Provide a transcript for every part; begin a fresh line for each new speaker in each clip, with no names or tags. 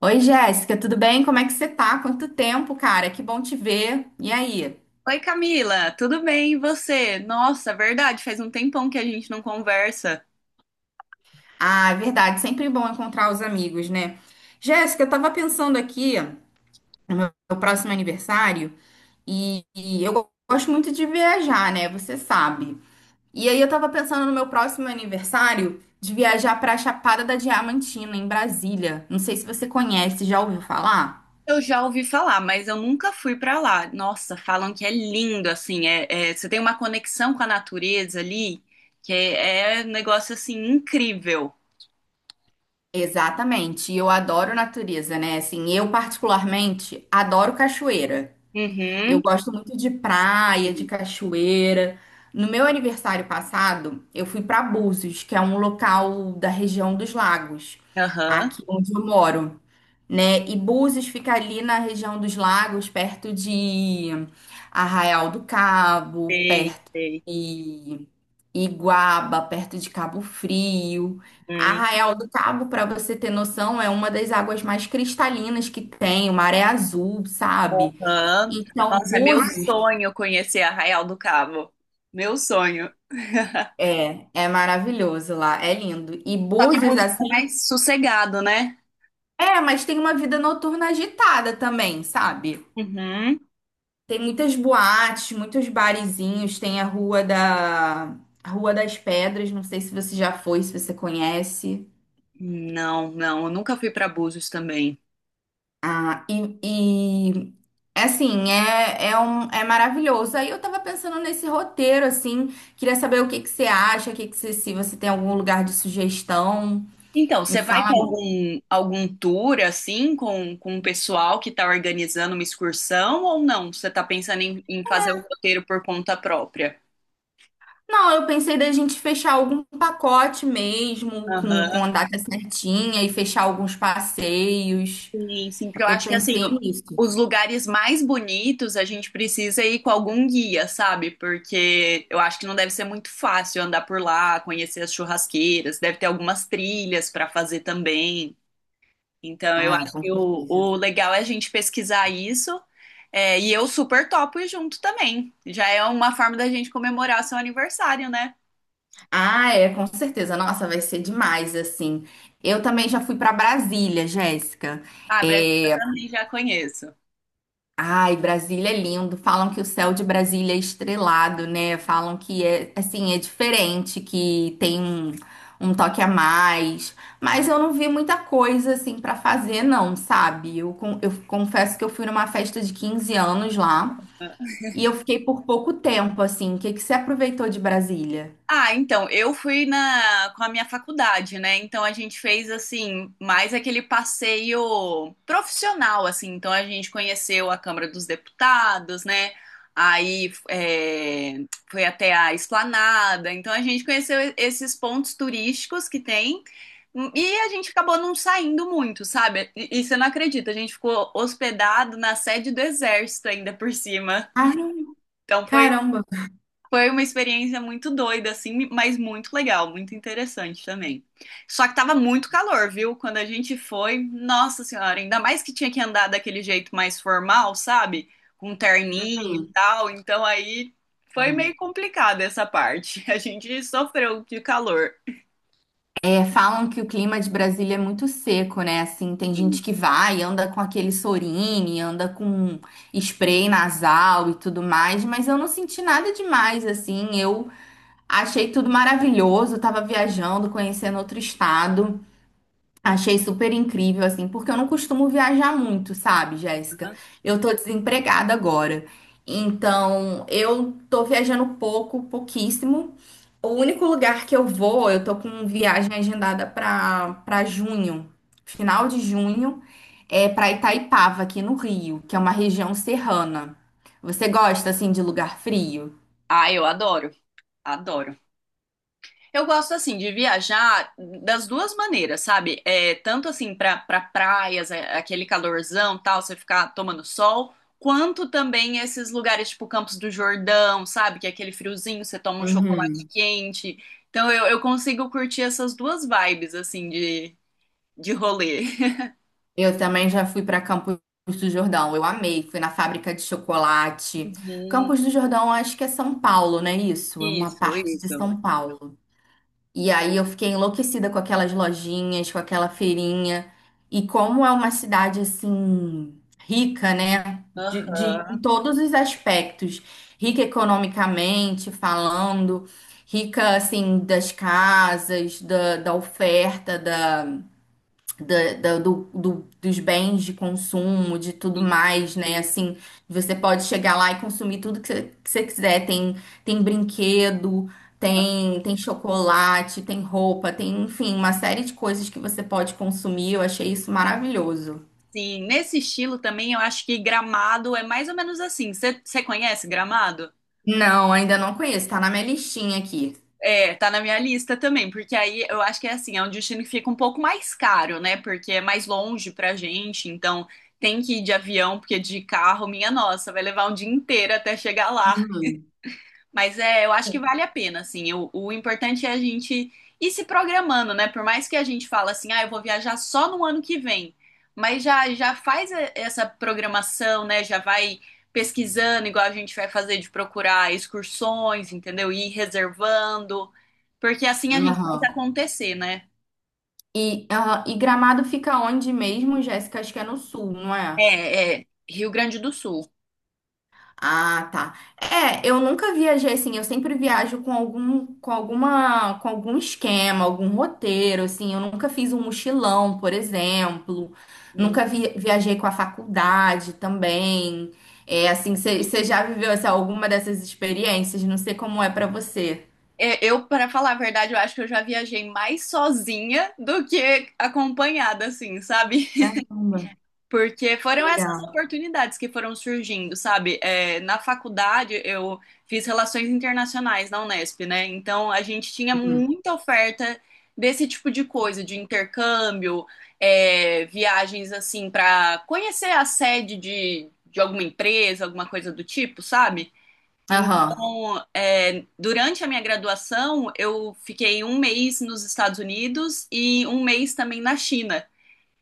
Oi, Jéssica, tudo bem? Como é que você tá? Quanto tempo, cara? Que bom te ver. E aí?
Oi Camila, tudo bem e você? Nossa, verdade, faz um tempão que a gente não conversa.
Ah, é verdade, sempre bom encontrar os amigos, né? Jéssica, eu tava pensando aqui no próximo aniversário e eu gosto muito de viajar, né? Você sabe. E aí eu tava pensando no meu próximo aniversário de viajar pra Chapada da Diamantina, em Brasília. Não sei se você conhece, já ouviu falar?
Eu já ouvi falar, mas eu nunca fui pra lá. Nossa, falam que é lindo, assim, você tem uma conexão com a natureza ali, que é, é um negócio assim incrível.
Exatamente, e eu adoro natureza, né? Assim, eu particularmente adoro cachoeira. Eu
Uhum,
gosto muito de praia, de cachoeira. No meu aniversário passado, eu fui para Búzios, que é um local da região dos lagos,
aham,
aqui onde eu moro, né? E Búzios fica ali na região dos lagos, perto de Arraial do Cabo,
sei,
perto
sei.
de Iguaba, perto de Cabo Frio.
Uhum,
Arraial do Cabo, para você ter noção, é uma das águas mais cristalinas que tem, o mar é azul, sabe?
aham.
Então,
Nossa, é meu
Búzios
sonho conhecer Arraial do Cabo. Meu sonho.
é maravilhoso lá, é lindo. E
Só que
Búzios,
busca
assim,
mais sossegado, né?
é, mas tem uma vida noturna agitada também, sabe?
Uhum.
Tem muitas boates, muitos barizinhos, tem a Rua das Pedras, não sei se você já foi, se você conhece.
Não, não, eu nunca fui para Búzios também.
Ah, e, e é maravilhoso. Aí eu tava pensando nesse roteiro, assim, queria saber o que você acha, o que que você, se você tem algum lugar de sugestão,
Então,
me
você vai
fala.
com algum tour assim, com o pessoal que está organizando uma excursão ou não? Você está pensando em fazer o roteiro por conta própria?
Não, eu pensei da gente fechar algum pacote mesmo,
Aham.
com a data certinha e fechar alguns passeios.
Sim, sim, porque eu
Eu
acho que assim,
pensei
o-
nisso.
os lugares mais bonitos a gente precisa ir com algum guia, sabe? Porque eu acho que não deve ser muito fácil andar por lá, conhecer as churrasqueiras, deve ter algumas trilhas para fazer também. Então, eu
Ah,
acho
com
que o,
certeza.
o legal é a gente pesquisar isso. É, e eu super topo ir junto também. Já é uma forma da gente comemorar o seu aniversário, né?
Ah, é, com certeza. Nossa, vai ser demais, assim. Eu também já fui para Brasília, Jéssica.
Ah, Brasil
É,
também já conheço.
ai, Brasília é lindo. Falam que o céu de Brasília é estrelado, né? Falam que é assim, é diferente, que tem um, um toque a mais. Mas eu não vi muita coisa assim pra fazer, não, sabe? Eu confesso que eu fui numa festa de 15 anos lá e eu fiquei por pouco tempo, assim. O que que você aproveitou de Brasília?
Ah, então, eu fui na com a minha faculdade, né? Então a gente fez assim, mais aquele passeio profissional, assim. Então a gente conheceu a Câmara dos Deputados, né? Aí é, foi até a Esplanada. Então a gente conheceu esses pontos turísticos que tem. E a gente acabou não saindo muito, sabe? E você não acredita, a gente ficou hospedado na sede do Exército ainda por cima.
Caramba,
Então foi
caramba.
foi uma experiência muito doida, assim, mas muito legal, muito interessante também. Só que tava muito calor, viu? Quando a gente foi, nossa senhora, ainda mais que tinha que andar daquele jeito mais formal, sabe? Com um terninho e
Sim.
tal. Então aí foi meio
Uhum.
complicada essa parte. A gente sofreu de calor.
É, falam que o clima de Brasília é muito seco, né? Assim, tem gente
Sim.
que vai, anda com aquele Sorine, anda com spray nasal e tudo mais, mas eu não senti nada demais, assim. Eu achei tudo maravilhoso, tava viajando, conhecendo outro estado. Achei super incrível, assim, porque eu não costumo viajar muito, sabe, Jéssica? Eu tô desempregada agora. Então, eu tô viajando pouco, pouquíssimo. O único lugar que eu vou, eu tô com viagem agendada para junho, final de junho, é para Itaipava, aqui no Rio, que é uma região serrana. Você gosta assim de lugar frio?
Ah, eu adoro, adoro. Eu gosto assim de viajar das duas maneiras, sabe? É, tanto assim pra para praias, é, aquele calorzão, tal, você ficar tomando sol, quanto também esses lugares tipo Campos do Jordão, sabe? Que é aquele friozinho, você toma um chocolate
Uhum.
quente. Então eu consigo curtir essas duas vibes assim de rolê.
Eu também já fui para Campos do Jordão, eu amei, fui na fábrica de chocolate.
Uhum.
Campos do Jordão, acho que é São Paulo, não é isso? É uma
Isso,
parte de
isso.
São Paulo. E aí eu fiquei enlouquecida com aquelas lojinhas, com aquela feirinha. E como é uma cidade assim rica, né? De em
Aham.
todos os aspectos, rica economicamente falando, rica assim das casas, da oferta, dos bens de consumo, de tudo
Isso,
mais, né?
isso.
Assim, você pode chegar lá e consumir tudo que que você quiser. Tem, tem brinquedo, tem chocolate, tem roupa, tem, enfim, uma série de coisas que você pode consumir. Eu achei isso maravilhoso.
Sim, nesse estilo também eu acho que Gramado é mais ou menos assim. Você conhece Gramado?
Não, ainda não conheço, tá na minha listinha aqui.
É, tá na minha lista também, porque aí eu acho que é assim, é um destino que fica um pouco mais caro, né? Porque é mais longe pra gente, então tem que ir de avião, porque de carro, minha nossa, vai levar um dia inteiro até chegar lá.
Uhum.
Mas é, eu acho que vale a pena, assim. O importante é a gente ir se programando, né? Por mais que a gente fala assim, ah, eu vou viajar só no ano que vem. Mas já faz e- essa programação, né? Já vai pesquisando, igual a gente vai fazer de procurar excursões, entendeu? Ir reservando. Porque assim a gente faz
Aham.
acontecer, né?
E, aham, e Gramado fica onde mesmo, Jéssica? Acho que é no sul, não é?
É, é Rio Grande do Sul.
Ah, tá. É, eu nunca viajei assim, eu sempre viajo com algum, com alguma, com algum esquema, algum roteiro, assim, eu nunca fiz um mochilão, por exemplo,
E-
nunca vi- viajei com a faculdade também. É, assim, você já viveu assim, alguma dessas experiências? Não sei como é pra você.
é, eu, para falar a verdade, eu acho que eu já viajei mais sozinha do que acompanhada, assim, sabe?
Caramba,
Porque foram essas
legal.
oportunidades que foram surgindo, sabe? É, na faculdade eu fiz relações internacionais na Unesp, né? Então a gente tinha
Uhum.
muita oferta desse tipo de coisa, de intercâmbio, é, viagens assim para conhecer a sede de alguma empresa, alguma coisa do tipo, sabe?
Aham.
Então, é, durante a minha graduação, eu fiquei um mês nos Estados Unidos e um mês também na China.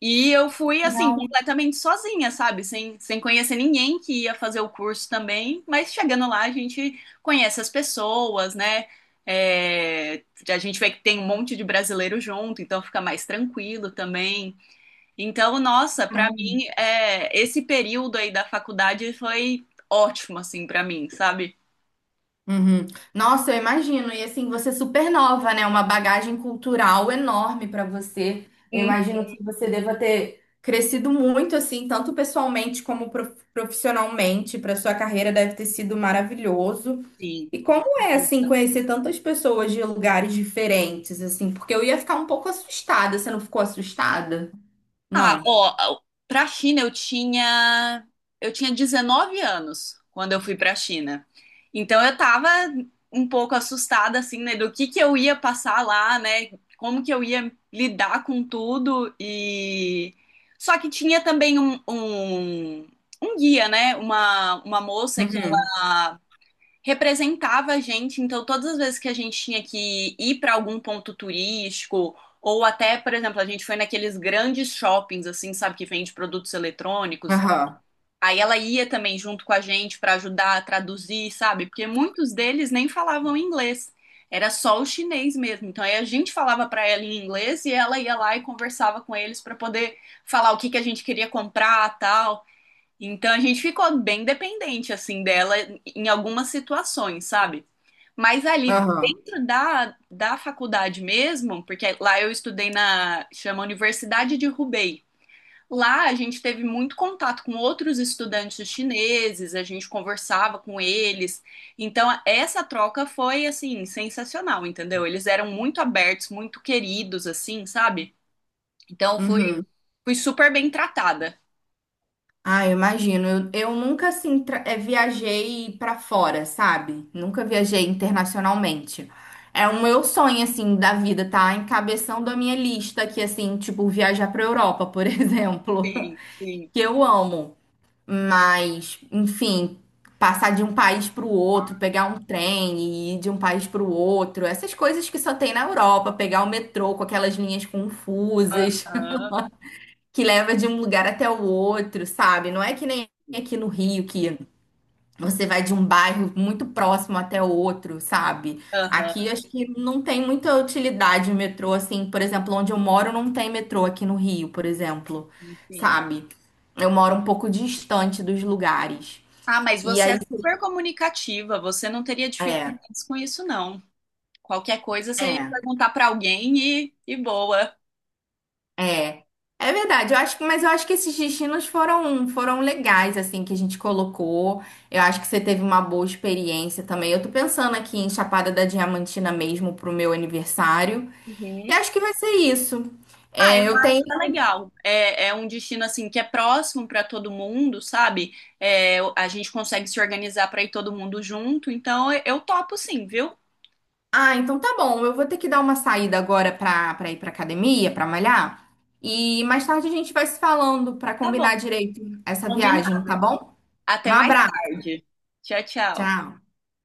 E eu fui assim,
Legal.
completamente sozinha, sabe? Sem conhecer ninguém que ia fazer o curso também. Mas chegando lá, a gente conhece as pessoas, né? É, a gente vê que tem um monte de brasileiro junto, então fica mais tranquilo também. Então, nossa, pra mim, é, esse período aí da faculdade foi ótimo, assim, pra mim, sabe?
Uhum. Nossa, eu imagino. E assim, você é super nova, né? Uma bagagem cultural enorme para você. Eu
Hum,
imagino que você deva ter crescido muito, assim, tanto pessoalmente como profissionalmente. Para sua carreira deve ter sido maravilhoso.
Sim,
E como é, assim, conhecer tantas pessoas de lugares diferentes, assim? Porque eu ia ficar um pouco assustada. Você não ficou assustada?
ah,
Não.
ó, pra China eu tinha 19 anos quando eu fui pra China. Então eu tava um pouco assustada assim, né, do que eu ia passar lá, né? Como que eu ia lidar com tudo e só que tinha também um guia, né? Uma moça que
Uhum.
ela representava a gente, então todas as vezes que a gente tinha que ir para algum ponto turístico, ou até, por exemplo, a gente foi naqueles grandes shoppings, assim, sabe, que vende produtos eletrônicos.
Aham.
Aí ela ia também junto com a gente para ajudar a traduzir, sabe? Porque muitos deles nem falavam inglês. Era só o chinês mesmo. Então aí a gente falava para ela em inglês e ela ia lá e conversava com eles para poder falar o que que a gente queria comprar, tal. Então a gente ficou bem dependente assim dela em algumas situações, sabe? Mas ali
Aham.
dentro da faculdade mesmo, porque lá eu estudei na chama Universidade de Hubei. Lá a gente teve muito contato com outros estudantes chineses, a gente conversava com eles. Então essa troca foi assim sensacional, entendeu? Eles eram muito abertos, muito queridos assim, sabe? Então
Uhum.
fui super bem tratada.
Ah, eu imagino. Eu nunca assim viajei pra fora, sabe? Nunca viajei internacionalmente. É o meu sonho assim da vida, tá? Encabeçando a minha lista aqui assim, tipo viajar pra Europa, por exemplo,
Sim, sim.
que eu amo. Mas, enfim, passar de um país pro outro, pegar um trem e ir de um país pro outro, essas coisas que só tem na Europa, pegar o metrô com aquelas linhas confusas
Aham.
que leva de um lugar até o outro, sabe? Não é que nem aqui no Rio, que você vai de um bairro muito próximo até o outro, sabe? Aqui
Aham,
acho que não tem muita utilidade o metrô, assim, por exemplo, onde eu moro não tem metrô aqui no Rio, por exemplo,
enfim.
sabe? Eu moro um pouco distante dos lugares.
Ah, mas
E
você é
aí,
super comunicativa, você não teria
é,
dificuldades com isso, não. Qualquer coisa você ia
é.
perguntar pra alguém e boa.
É, é verdade. Eu acho que, mas eu acho que esses destinos foram legais assim que a gente colocou. Eu acho que você teve uma boa experiência também. Eu tô pensando aqui em Chapada da Diamantina mesmo pro meu aniversário. E
Uhum.
acho que vai ser isso.
Ah, eu
É, eu tenho.
acho que é legal. É, é um destino assim que é próximo para todo mundo, sabe? É, a gente consegue se organizar para ir todo mundo junto, então eu topo sim, viu?
Ah, então tá bom. Eu vou ter que dar uma saída agora pra ir pra academia, pra malhar. E mais tarde a gente vai se falando pra
Tá bom,
combinar direito essa viagem,
combinado.
tá bom?
Até
Um
mais
abraço.
tarde. Tchau, tchau.
Tchau.